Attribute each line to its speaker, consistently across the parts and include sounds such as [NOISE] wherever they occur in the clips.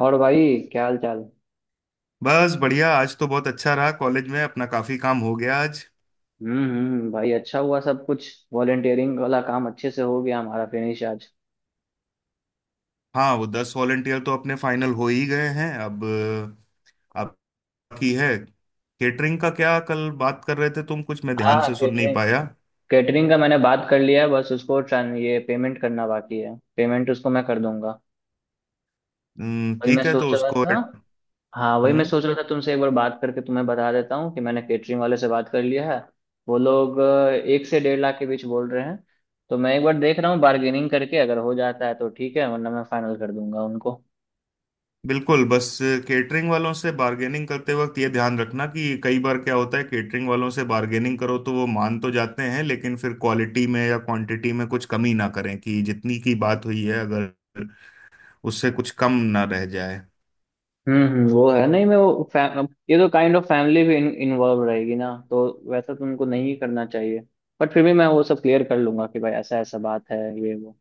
Speaker 1: और भाई क्या हाल चाल।
Speaker 2: बस बढ़िया। आज तो बहुत अच्छा रहा, कॉलेज में अपना काफी काम हो गया आज।
Speaker 1: हम्म, भाई अच्छा हुआ, सब कुछ वॉलेंटियरिंग वाला काम अच्छे से हो गया हमारा फिनिश आज।
Speaker 2: हाँ, वो 10 वॉलेंटियर तो अपने फाइनल हो ही गए हैं अब। अब बाकी है। केटरिंग का क्या कल बात कर रहे थे तुम? कुछ मैं
Speaker 1: हाँ
Speaker 2: ध्यान
Speaker 1: हाँ,
Speaker 2: से सुन नहीं
Speaker 1: कैटरिंग।
Speaker 2: पाया।
Speaker 1: कैटरिंग का मैंने बात कर लिया है, बस उसको ये पेमेंट करना बाकी है, पेमेंट उसको मैं कर दूंगा। वही मैं
Speaker 2: ठीक है तो
Speaker 1: सोच रहा
Speaker 2: उसको।
Speaker 1: था। हाँ वही मैं
Speaker 2: हम्म।
Speaker 1: सोच रहा था, तुमसे एक बार बात करके तुम्हें बता देता हूँ कि मैंने कैटरिंग वाले से बात कर लिया है। वो लोग 1 से 1.5 लाख के बीच बोल रहे हैं। तो मैं एक बार देख रहा हूँ बार्गेनिंग करके, अगर हो जाता है तो ठीक है वरना मैं फाइनल कर दूंगा उनको।
Speaker 2: बिल्कुल। बस केटरिंग वालों से बार्गेनिंग करते वक्त ये ध्यान रखना कि कई बार क्या होता है, केटरिंग वालों से बार्गेनिंग करो तो वो मान तो जाते हैं लेकिन फिर क्वालिटी में या क्वांटिटी में कुछ कमी ना करें, कि जितनी की बात हुई है अगर उससे कुछ कम ना रह जाए।
Speaker 1: वो है नहीं, मैं वो फैम ये तो काइंड ऑफ फैमिली भी इन्वॉल्व रहेगी ना, तो वैसा तुमको नहीं करना चाहिए। बट फिर भी मैं वो सब क्लियर कर लूंगा कि भाई ऐसा ऐसा बात है, ये वो।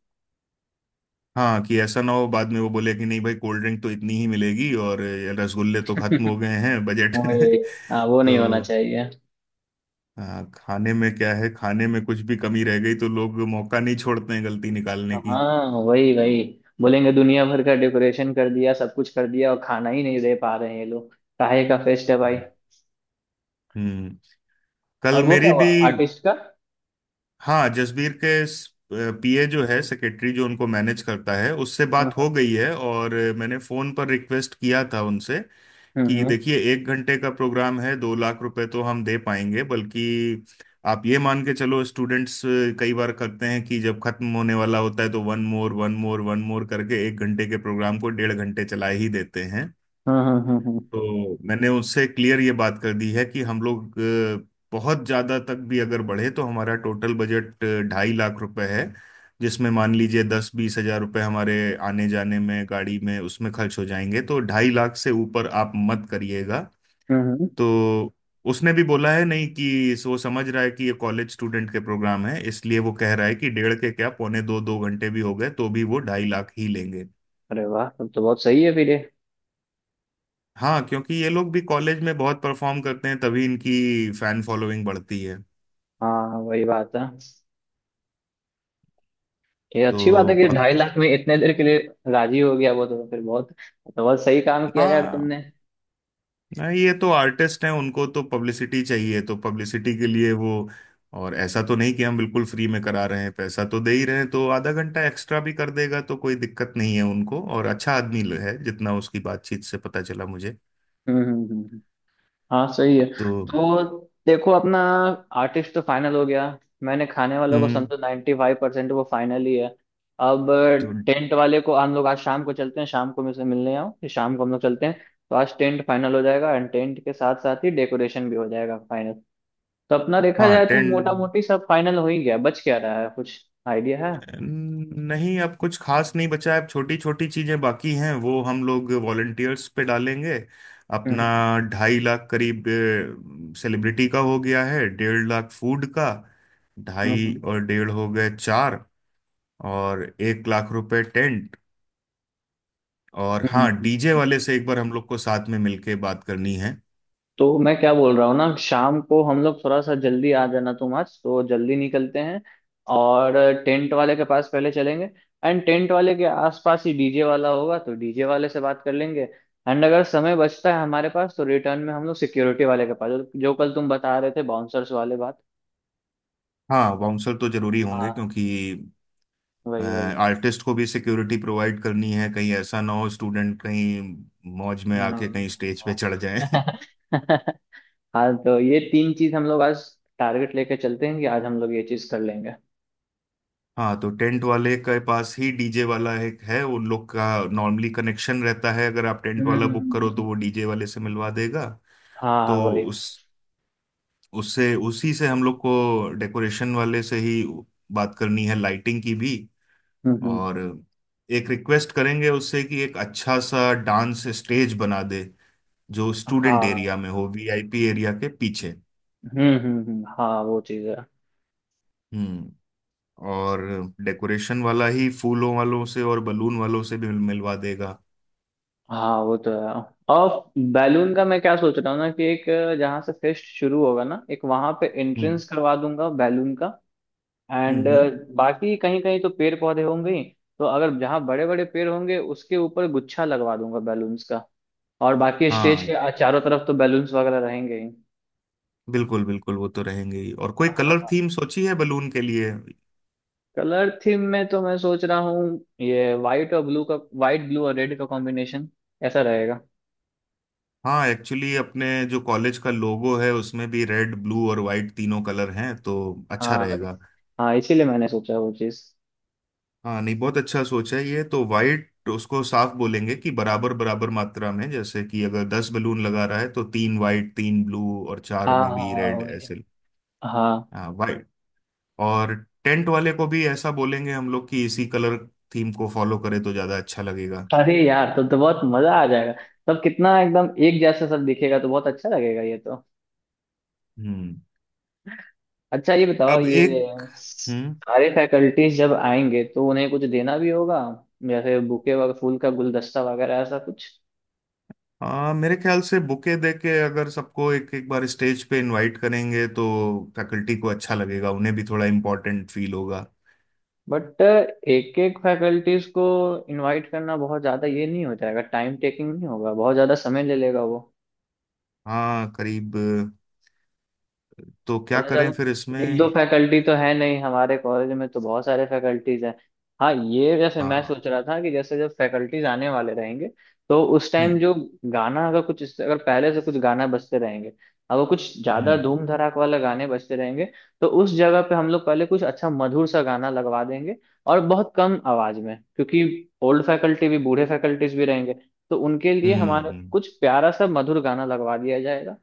Speaker 2: हाँ, कि ऐसा ना हो बाद में वो बोले कि नहीं भाई, कोल्ड ड्रिंक तो इतनी ही मिलेगी और ये रसगुल्ले तो खत्म हो
Speaker 1: [LAUGHS]
Speaker 2: गए हैं, बजट
Speaker 1: वही। हाँ वो
Speaker 2: [LAUGHS]
Speaker 1: नहीं होना
Speaker 2: तो।
Speaker 1: चाहिए।
Speaker 2: हाँ, खाने में क्या है, खाने में कुछ भी कमी रह गई तो लोग मौका नहीं छोड़ते हैं गलती निकालने की।
Speaker 1: हाँ वही वही। बोलेंगे दुनिया भर का डेकोरेशन कर दिया, सब कुछ कर दिया और खाना ही नहीं दे पा रहे हैं ये लोग। काहे का फेस्ट है भाई।
Speaker 2: हम्म। कल
Speaker 1: और वो क्या
Speaker 2: मेरी
Speaker 1: हुआ
Speaker 2: भी।
Speaker 1: आर्टिस्ट का।
Speaker 2: हाँ, जसबीर के पीए जो है, सेक्रेटरी जो उनको मैनेज करता है, उससे
Speaker 1: हाँ
Speaker 2: बात
Speaker 1: हाँ।
Speaker 2: हो गई है और मैंने फोन पर रिक्वेस्ट किया था उनसे कि
Speaker 1: हम्म।
Speaker 2: देखिए 1 घंटे का प्रोग्राम है, 2 लाख रुपए तो हम दे पाएंगे। बल्कि आप ये मान के चलो, स्टूडेंट्स कई बार करते हैं कि जब खत्म होने वाला होता है तो one more one more one more करके 1 घंटे के प्रोग्राम को 1.5 घंटे चला ही देते हैं।
Speaker 1: हम्म हम्म हम्म
Speaker 2: तो मैंने उससे क्लियर ये बात कर दी है कि हम लोग बहुत ज्यादा तक भी अगर बढ़े तो हमारा टोटल बजट 2.5 लाख रुपए है। जिसमें मान लीजिए 10-20 हजार रुपए हमारे आने जाने में, गाड़ी में, उसमें खर्च हो जाएंगे, तो 2.5 लाख से ऊपर आप मत करिएगा।
Speaker 1: हम्म। हम्म।
Speaker 2: तो उसने भी बोला है नहीं कि वो समझ रहा है कि ये कॉलेज स्टूडेंट के प्रोग्राम है, इसलिए वो कह रहा है कि डेढ़ के क्या पौने दो दो घंटे भी हो गए तो भी वो 2.5 लाख ही लेंगे।
Speaker 1: अरे वाह, तब तो बहुत सही है फिर ये।
Speaker 2: हाँ, क्योंकि ये लोग भी कॉलेज में बहुत परफॉर्म करते हैं, तभी इनकी फैन फॉलोइंग बढ़ती है।
Speaker 1: हाँ वही बात है। ये
Speaker 2: तो
Speaker 1: अच्छी बात है कि
Speaker 2: बाक-
Speaker 1: 2.5 लाख में इतने देर के लिए राजी हो गया वो, तो फिर बहुत। तो बहुत सही काम किया यार
Speaker 2: हाँ।
Speaker 1: तुमने।
Speaker 2: नहीं, ये तो आर्टिस्ट हैं, उनको तो पब्लिसिटी चाहिए, तो पब्लिसिटी के लिए वो। और ऐसा तो नहीं कि हम बिल्कुल फ्री में करा रहे हैं, पैसा तो दे ही रहे हैं, तो आधा घंटा एक्स्ट्रा भी कर देगा तो कोई दिक्कत नहीं है उनको, और अच्छा आदमी है जितना उसकी बातचीत से पता चला मुझे।
Speaker 1: हम्म। हाँ सही है।
Speaker 2: तो
Speaker 1: तो देखो अपना आर्टिस्ट तो फाइनल हो गया। मैंने खाने वालों को
Speaker 2: हम्म।
Speaker 1: समझो 95% 5% वो फाइनल ही है। अब
Speaker 2: तो
Speaker 1: टेंट वाले को हम लोग आज शाम को चलते हैं, शाम को मैं उसे मिलने आऊँ फिर शाम को हम लोग चलते हैं। तो आज टेंट फाइनल हो जाएगा एंड टेंट के साथ साथ ही डेकोरेशन भी हो जाएगा फाइनल। तो अपना देखा
Speaker 2: हाँ,
Speaker 1: जाए तो
Speaker 2: टेन।
Speaker 1: मोटा मोटी सब फाइनल हो ही गया, बच क्या रहा है कुछ आइडिया है।
Speaker 2: नहीं, अब कुछ खास नहीं बचा है, अब छोटी छोटी चीजें बाकी हैं, वो हम लोग वॉलंटियर्स पे डालेंगे। अपना
Speaker 1: हम्म
Speaker 2: 2.5 लाख करीब सेलिब्रिटी का हो गया है, 1.5 लाख फूड का,
Speaker 1: हम्म
Speaker 2: ढाई
Speaker 1: हम्म,
Speaker 2: और डेढ़ हो गए चार, और 1 लाख रुपए टेंट। और हाँ,
Speaker 1: हम्म,
Speaker 2: डीजे
Speaker 1: हम्म।
Speaker 2: वाले से एक बार हम लोग को साथ में मिलके बात करनी है।
Speaker 1: तो मैं क्या बोल रहा हूँ ना, शाम को हम लोग थोड़ा सा जल्दी आ जाना, तुम आज तो जल्दी निकलते हैं और टेंट वाले के पास पहले चलेंगे। एंड टेंट वाले के आसपास ही डीजे वाला होगा तो डीजे वाले से बात कर लेंगे। एंड अगर समय बचता है हमारे पास तो रिटर्न में हम लोग सिक्योरिटी वाले के पास, जो जो कल तुम बता रहे थे बाउंसर्स वाले बात।
Speaker 2: हाँ, बाउंसर तो जरूरी होंगे,
Speaker 1: हाँ
Speaker 2: क्योंकि
Speaker 1: वही वही।
Speaker 2: आर्टिस्ट को भी सिक्योरिटी प्रोवाइड करनी है, कहीं ऐसा ना हो स्टूडेंट कहीं मौज में आके कहीं
Speaker 1: हम्म,
Speaker 2: स्टेज पे
Speaker 1: [LAUGHS]
Speaker 2: चढ़
Speaker 1: हाँ।
Speaker 2: जाए।
Speaker 1: हाँ तो ये तीन चीज हम लोग आज टारगेट लेके चलते हैं कि आज हम लोग ये चीज कर लेंगे।
Speaker 2: [LAUGHS] हाँ, तो टेंट वाले के पास ही डीजे वाला एक है उन लोग का, नॉर्मली कनेक्शन रहता है, अगर आप टेंट
Speaker 1: हम्म,
Speaker 2: वाला बुक
Speaker 1: हम्म,
Speaker 2: करो तो
Speaker 1: हम्म।
Speaker 2: वो डीजे वाले से मिलवा देगा।
Speaker 1: हाँ हाँ
Speaker 2: तो
Speaker 1: वही।
Speaker 2: उस उससे उसी से हम लोग को डेकोरेशन वाले से ही बात करनी है, लाइटिंग की भी।
Speaker 1: हम्म हम्म,
Speaker 2: और एक रिक्वेस्ट करेंगे उससे कि एक अच्छा सा डांस स्टेज बना दे जो स्टूडेंट
Speaker 1: हाँ।
Speaker 2: एरिया में हो, वीआईपी एरिया के पीछे।
Speaker 1: हाँ वो चीज है।
Speaker 2: हम्म। और डेकोरेशन वाला ही फूलों वालों से और बलून वालों से भी मिलवा देगा।
Speaker 1: हाँ वो तो है। और बैलून का मैं क्या सोच रहा हूँ ना कि एक जहाँ से फेस्ट शुरू होगा ना, एक वहां पे
Speaker 2: हम्म
Speaker 1: एंट्रेंस करवा दूंगा बैलून का।
Speaker 2: हम्म
Speaker 1: एंड
Speaker 2: हम्म।
Speaker 1: बाकी कहीं कहीं तो पेड़ पौधे होंगे ही, तो अगर जहाँ बड़े बड़े पेड़ होंगे उसके ऊपर गुच्छा लगवा दूंगा बैलून्स का। और बाकी स्टेज
Speaker 2: हाँ,
Speaker 1: के चारों तरफ तो बैलून्स वगैरह रहेंगे ही।
Speaker 2: बिल्कुल बिल्कुल वो तो रहेंगे ही। और कोई कलर
Speaker 1: हाँ।
Speaker 2: थीम सोची है बलून के लिए?
Speaker 1: कलर थीम में तो मैं सोच रहा हूँ ये वाइट और ब्लू का, वाइट ब्लू और रेड का कॉम्बिनेशन, ऐसा रहेगा।
Speaker 2: हाँ, एक्चुअली अपने जो कॉलेज का लोगो है उसमें भी रेड, ब्लू और वाइट तीनों कलर हैं, तो अच्छा
Speaker 1: हाँ इस-
Speaker 2: रहेगा।
Speaker 1: हाँ इसीलिए मैंने सोचा वो चीज।
Speaker 2: हाँ, नहीं बहुत अच्छा सोचा है ये तो। वाइट उसको साफ बोलेंगे कि बराबर बराबर मात्रा में, जैसे कि अगर 10 बलून लगा रहा है तो तीन वाइट, तीन ब्लू और चार
Speaker 1: हाँ
Speaker 2: में
Speaker 1: हाँ
Speaker 2: भी
Speaker 1: हाँ,
Speaker 2: रेड,
Speaker 1: वही।
Speaker 2: ऐसे।
Speaker 1: हाँ।
Speaker 2: हाँ वाइट। और टेंट वाले को भी ऐसा बोलेंगे हम लोग कि इसी कलर थीम को फॉलो करे तो ज्यादा अच्छा लगेगा।
Speaker 1: अरे यार, तब तो बहुत मजा आ जाएगा। तब कितना एकदम एक जैसा सब दिखेगा, तो बहुत अच्छा लगेगा ये तो।
Speaker 2: हम्म।
Speaker 1: अच्छा ये बताओ,
Speaker 2: अब
Speaker 1: ये
Speaker 2: एक। हम्म,
Speaker 1: सारे फैकल्टीज जब आएंगे तो उन्हें कुछ देना भी होगा, जैसे बुके वगैरह, फूल का गुलदस्ता वगैरह ऐसा कुछ।
Speaker 2: हाँ मेरे ख्याल से बुके दे के अगर सबको एक एक बार स्टेज पे इनवाइट करेंगे तो फैकल्टी को अच्छा लगेगा, उन्हें भी थोड़ा इम्पोर्टेंट फील होगा।
Speaker 1: बट एक एक फैकल्टीज को इनवाइट करना बहुत ज्यादा ये नहीं हो जाएगा, टाइम टेकिंग नहीं होगा, बहुत ज्यादा समय ले लेगा वो।
Speaker 2: हाँ करीब। तो क्या
Speaker 1: पता चला
Speaker 2: करें फिर
Speaker 1: एक दो
Speaker 2: इसमें?
Speaker 1: फैकल्टी तो है नहीं हमारे कॉलेज में, तो बहुत सारे फैकल्टीज हैं। हाँ, ये जैसे मैं
Speaker 2: हाँ
Speaker 1: सोच रहा था कि जैसे जब फैकल्टीज आने वाले रहेंगे तो उस टाइम
Speaker 2: हम्म
Speaker 1: जो गाना, अगर कुछ इससे अगर पहले से कुछ गाना बजते रहेंगे, अगर कुछ ज्यादा
Speaker 2: हम्म
Speaker 1: धूम धड़ाक वाले गाने बजते रहेंगे, तो उस जगह पे हम लोग पहले कुछ अच्छा मधुर सा गाना लगवा देंगे, और बहुत कम आवाज में, क्योंकि ओल्ड फैकल्टी भी बूढ़े फैकल्टीज भी रहेंगे, तो उनके लिए
Speaker 2: हम्म
Speaker 1: हमारा
Speaker 2: हम्म
Speaker 1: कुछ प्यारा सा मधुर गाना लगवा दिया जाएगा।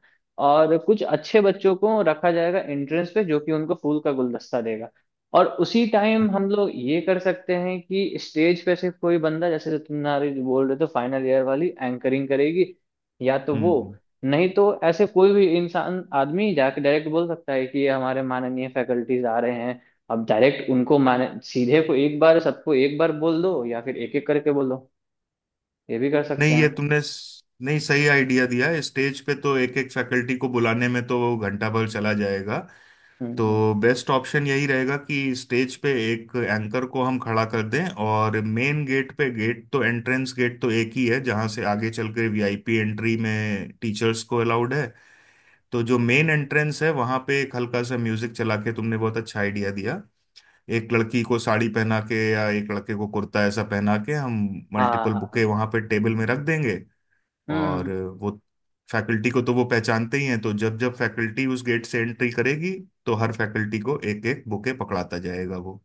Speaker 1: और कुछ अच्छे बच्चों को रखा जाएगा एंट्रेंस पे, जो कि उनको फूल का गुलदस्ता देगा। और उसी टाइम हम लोग ये कर सकते हैं कि स्टेज पे से कोई बंदा, जैसे तुम्हारे जो बोल रहे थे फाइनल ईयर वाली, एंकरिंग करेगी या तो
Speaker 2: हम्म
Speaker 1: वो,
Speaker 2: हम्म।
Speaker 1: नहीं तो ऐसे कोई भी इंसान आदमी जाके डायरेक्ट बोल सकता है कि ये हमारे माननीय फैकल्टीज आ रहे हैं। अब डायरेक्ट उनको माने सीधे को एक बार सबको एक बार बोल दो या फिर एक एक करके बोल दो, ये भी कर सकते
Speaker 2: नहीं, ये
Speaker 1: हैं।
Speaker 2: तुमने नहीं, सही आइडिया दिया है, स्टेज पे तो एक एक फैकल्टी को बुलाने में तो घंटा भर चला जाएगा।
Speaker 1: हम्म।
Speaker 2: तो बेस्ट ऑप्शन यही रहेगा कि स्टेज पे एक एंकर को हम खड़ा कर दें, और मेन गेट पे, गेट तो एंट्रेंस गेट तो एक ही है जहां से आगे चल के वीआईपी एंट्री में टीचर्स को अलाउड है। तो जो मेन एंट्रेंस है वहां पे एक हल्का सा म्यूजिक चला के, तुमने बहुत अच्छा आइडिया दिया, एक लड़की को साड़ी पहना के या एक लड़के को कुर्ता ऐसा पहना के हम
Speaker 1: हाँ
Speaker 2: मल्टीपल
Speaker 1: हाँ।
Speaker 2: बुके वहां पे टेबल में रख देंगे। और
Speaker 1: हम्म।
Speaker 2: वो फैकल्टी को तो वो पहचानते ही हैं, तो जब जब फैकल्टी उस गेट से एंट्री करेगी तो हर फैकल्टी को एक एक बुके पकड़ाता जाएगा वो।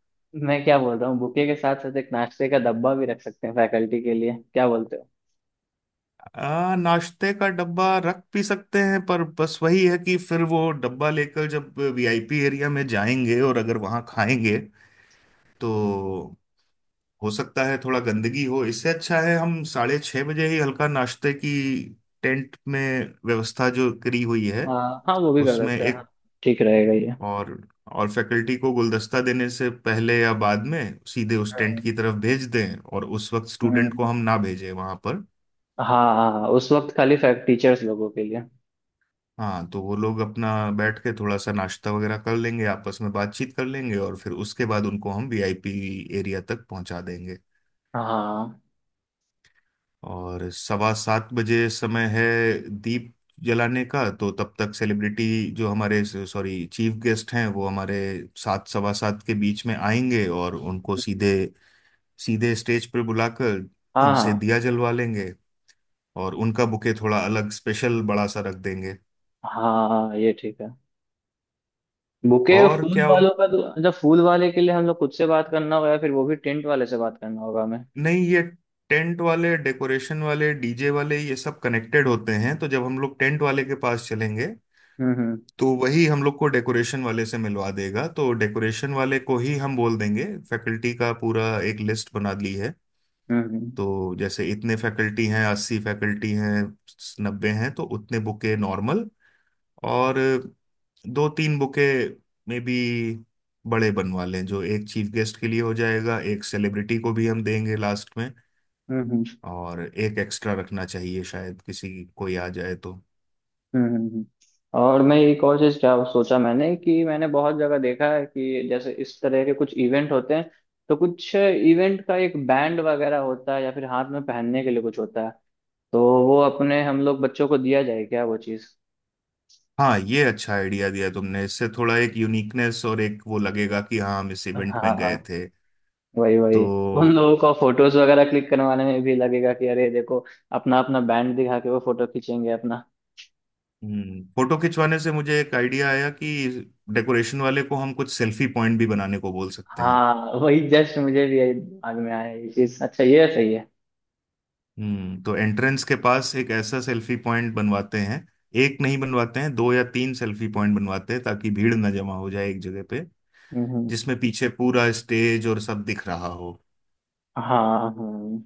Speaker 1: मैं क्या बोल रहा हूँ, बुके के साथ साथ एक नाश्ते का डब्बा भी रख सकते हैं फैकल्टी के लिए, क्या बोलते हो।
Speaker 2: नाश्ते का डब्बा रख भी सकते हैं, पर बस वही है कि फिर वो डब्बा लेकर जब वीआईपी एरिया में जाएंगे और अगर वहां खाएंगे तो हो सकता है थोड़ा गंदगी हो। इससे अच्छा है हम 6:30 बजे ही हल्का नाश्ते की टेंट में व्यवस्था जो करी हुई है
Speaker 1: हाँ हाँ वो भी कर
Speaker 2: उसमें
Speaker 1: सकते हैं,
Speaker 2: एक।
Speaker 1: हाँ। ठीक रहेगा ये।
Speaker 2: और और फैकल्टी को गुलदस्ता देने से पहले या बाद में सीधे उस टेंट
Speaker 1: हम्म,
Speaker 2: की तरफ भेज दें और उस वक्त
Speaker 1: हम्म,
Speaker 2: स्टूडेंट को हम ना भेजें वहां पर।
Speaker 1: हाँ हाँ। हाँ उस वक्त खाली फैक टीचर्स लोगों के लिए।
Speaker 2: हाँ, तो वो लोग अपना बैठ के थोड़ा सा नाश्ता वगैरह कर लेंगे, आपस में बातचीत कर लेंगे और फिर उसके बाद उनको हम वीआईपी एरिया तक पहुंचा देंगे।
Speaker 1: हाँ
Speaker 2: और 7:15 बजे समय है दीप जलाने का, तो तब तक सेलिब्रिटी, जो हमारे सॉरी चीफ गेस्ट हैं, वो हमारे 7 से 7:15 के बीच में आएंगे और उनको सीधे, सीधे स्टेज पर बुलाकर
Speaker 1: हाँ
Speaker 2: उनसे
Speaker 1: हाँ।
Speaker 2: दिया जलवा लेंगे। और उनका बुके थोड़ा अलग, स्पेशल बड़ा सा रख देंगे।
Speaker 1: हाँ ये ठीक है। बुके
Speaker 2: और
Speaker 1: फूल
Speaker 2: क्या उन
Speaker 1: वालों का तो, जब फूल वाले के लिए हम लोग खुद से बात करना होगा, या फिर वो भी टेंट वाले से बात करना होगा हमें।
Speaker 2: नहीं, ये टेंट वाले, डेकोरेशन वाले, डीजे वाले, ये सब कनेक्टेड होते हैं, तो जब हम लोग टेंट वाले के पास चलेंगे
Speaker 1: हम्म।
Speaker 2: तो वही हम लोग को डेकोरेशन वाले से मिलवा देगा, तो डेकोरेशन वाले को ही हम बोल देंगे। फैकल्टी का पूरा एक लिस्ट बना ली है,
Speaker 1: हम्म हम्म।
Speaker 2: तो जैसे इतने फैकल्टी हैं, 80 फैकल्टी हैं, 90 हैं, तो उतने बुके नॉर्मल। और दो तीन बुके मे बी बड़े बनवा लें, जो एक चीफ गेस्ट के लिए हो जाएगा, एक सेलिब्रिटी को भी हम देंगे लास्ट में।
Speaker 1: हम्म,
Speaker 2: और एक एक्स्ट्रा रखना चाहिए शायद किसी कोई आ जाए तो।
Speaker 1: हम्म हम्म, हम्म। और मैं एक और चीज क्या सोचा मैंने, कि मैंने बहुत जगह देखा है कि जैसे इस तरह के कुछ इवेंट होते हैं, तो कुछ इवेंट का एक बैंड वगैरह होता है या फिर हाथ में पहनने के लिए कुछ होता है, तो वो अपने हम लोग बच्चों को दिया जाए क्या वो चीज।
Speaker 2: हाँ, ये अच्छा आइडिया दिया तुमने, इससे थोड़ा एक यूनिकनेस और एक वो लगेगा कि हाँ हम इस इवेंट
Speaker 1: हाँ
Speaker 2: में
Speaker 1: हाँ
Speaker 2: गए थे।
Speaker 1: वही वही।
Speaker 2: तो
Speaker 1: उन लोगों का फोटोज वगैरह क्लिक करवाने में भी लगेगा कि अरे देखो, अपना अपना बैंड दिखा के वो फोटो खींचेंगे अपना।
Speaker 2: फोटो खिंचवाने से मुझे एक आइडिया आया कि डेकोरेशन वाले को हम कुछ सेल्फी पॉइंट भी बनाने को बोल सकते हैं।
Speaker 1: हाँ वही, जस्ट मुझे भी यही दिमाग में आया ये चीज, अच्छा ये सही है।
Speaker 2: हम्म, तो एंट्रेंस के पास एक ऐसा सेल्फी पॉइंट बनवाते हैं। एक नहीं, बनवाते हैं दो या तीन सेल्फी पॉइंट, बनवाते हैं ताकि भीड़ ना जमा हो जाए एक जगह पे,
Speaker 1: हम्म हम्म।
Speaker 2: जिसमें पीछे पूरा स्टेज और सब दिख रहा हो।
Speaker 1: हाँ हाँ।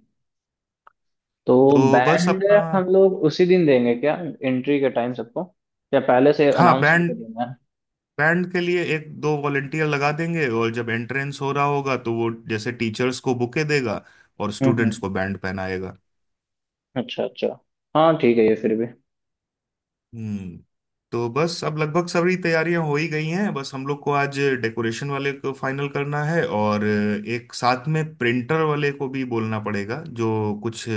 Speaker 1: तो
Speaker 2: तो बस
Speaker 1: बैंड
Speaker 2: अपना।
Speaker 1: हम लोग उसी दिन देंगे क्या, एंट्री के टाइम सबको, या पहले से
Speaker 2: हाँ,
Speaker 1: अनाउंस करके
Speaker 2: बैंड,
Speaker 1: देना है।
Speaker 2: बैंड के लिए एक दो वॉलेंटियर लगा देंगे और जब एंट्रेंस हो रहा होगा तो वो जैसे टीचर्स को बुके देगा और स्टूडेंट्स
Speaker 1: हम्म।
Speaker 2: को बैंड पहनाएगा।
Speaker 1: अच्छा अच्छा। हाँ ठीक है ये फिर भी।
Speaker 2: हम्म। तो बस अब लगभग सारी तैयारियां हो ही गई हैं, बस हम लोग को आज डेकोरेशन वाले को फाइनल करना है और एक साथ में प्रिंटर वाले को भी बोलना पड़ेगा, जो कुछ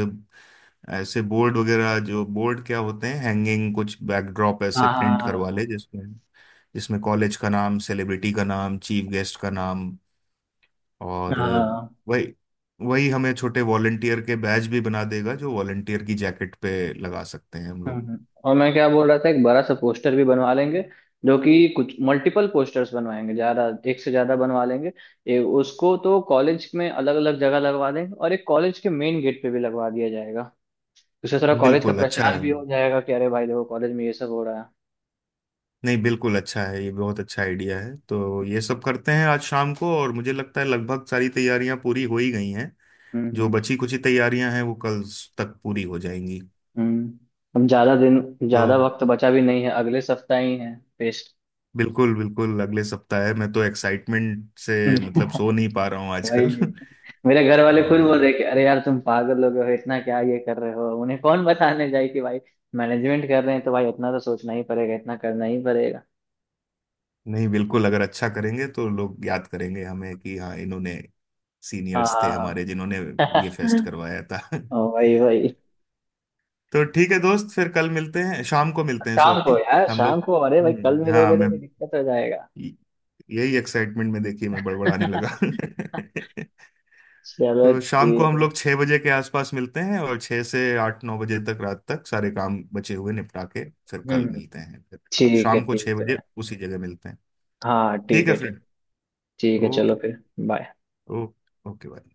Speaker 2: ऐसे बोर्ड वगैरह, जो बोर्ड क्या होते हैं, हैंगिंग कुछ बैकड्रॉप ऐसे
Speaker 1: हाँ हाँ
Speaker 2: प्रिंट करवा
Speaker 1: हाँ
Speaker 2: ले जिसमें, जिसमें कॉलेज का नाम, सेलिब्रिटी का नाम, चीफ गेस्ट का नाम, और
Speaker 1: हाँ, हाँ,
Speaker 2: वही वही हमें छोटे वॉलंटियर के बैज भी बना देगा जो वॉलंटियर की जैकेट पे लगा सकते हैं हम लोग।
Speaker 1: और मैं क्या बोल रहा था, एक बड़ा सा पोस्टर भी बनवा लेंगे, जो कि कुछ मल्टीपल पोस्टर्स बनवाएंगे, ज्यादा, एक से ज्यादा बनवा लेंगे। उसको तो कॉलेज में अलग अलग जगह लगवा देंगे और एक कॉलेज के मेन गेट पे भी लगवा दिया जाएगा। उससे थोड़ा कॉलेज का
Speaker 2: बिल्कुल अच्छा
Speaker 1: प्रचार
Speaker 2: है।
Speaker 1: भी हो जाएगा कि अरे भाई देखो कॉलेज में ये सब हो रहा है।
Speaker 2: नहीं, बिल्कुल अच्छा है, ये बहुत अच्छा आइडिया है। तो ये
Speaker 1: हम्म
Speaker 2: सब करते हैं आज शाम को, और मुझे लगता है लगभग सारी तैयारियां पूरी हो ही गई हैं।
Speaker 1: हम्म
Speaker 2: जो
Speaker 1: हम्म।
Speaker 2: बची कुछ ही तैयारियां हैं वो कल तक पूरी हो जाएंगी।
Speaker 1: हम्म। हम ज्यादा दिन,
Speaker 2: तो
Speaker 1: ज्यादा वक्त बचा भी नहीं है, अगले सप्ताह ही है फेस्ट।
Speaker 2: बिल्कुल बिल्कुल अगले सप्ताह है, मैं तो एक्साइटमेंट से मतलब सो
Speaker 1: [LAUGHS]
Speaker 2: नहीं पा रहा हूँ आजकल।
Speaker 1: वही। मेरे घर
Speaker 2: [LAUGHS]
Speaker 1: वाले खुद बोल
Speaker 2: और
Speaker 1: रहे कि अरे यार तुम पागल हो गए हो, इतना क्या ये कर रहे हो, उन्हें कौन बताने जाए कि भाई मैनेजमेंट कर रहे हैं तो भाई इतना तो सोचना ही पड़ेगा, इतना करना ही पड़ेगा।
Speaker 2: नहीं, बिल्कुल, अगर अच्छा करेंगे तो लोग याद करेंगे हमें कि हाँ इन्होंने, सीनियर्स थे
Speaker 1: हाँ।
Speaker 2: हमारे जिन्होंने
Speaker 1: [LAUGHS]
Speaker 2: ये फेस्ट
Speaker 1: हाँ।
Speaker 2: करवाया था। [LAUGHS]
Speaker 1: वही वही।
Speaker 2: तो ठीक है दोस्त, फिर कल मिलते हैं, शाम को मिलते हैं
Speaker 1: शाम को
Speaker 2: सॉरी।
Speaker 1: यार,
Speaker 2: हम
Speaker 1: शाम
Speaker 2: लोग
Speaker 1: को, अरे भाई कल
Speaker 2: हम्म। हाँ,
Speaker 1: मिलोगे
Speaker 2: मैं
Speaker 1: तो फिर दिक्कत हो जाएगा।
Speaker 2: यही एक्साइटमेंट में, देखिए मैं बड़बड़ाने लगा।
Speaker 1: [LAUGHS]
Speaker 2: [LAUGHS]
Speaker 1: चलो
Speaker 2: तो शाम को
Speaker 1: ठीक
Speaker 2: हम
Speaker 1: है।
Speaker 2: लोग 6 बजे के आसपास मिलते हैं और छह से 8-9 बजे तक, रात तक सारे काम बचे हुए निपटा के फिर कल
Speaker 1: हम्म।
Speaker 2: मिलते हैं, फिर शाम को
Speaker 1: ठीक
Speaker 2: छह
Speaker 1: है भाई।
Speaker 2: बजे उसी जगह मिलते हैं।
Speaker 1: हाँ
Speaker 2: ठीक
Speaker 1: ठीक
Speaker 2: है
Speaker 1: है ठीक।
Speaker 2: फ्रेंड।
Speaker 1: ठीक है चलो
Speaker 2: ओके।
Speaker 1: फिर बाय।
Speaker 2: Okay okay bye.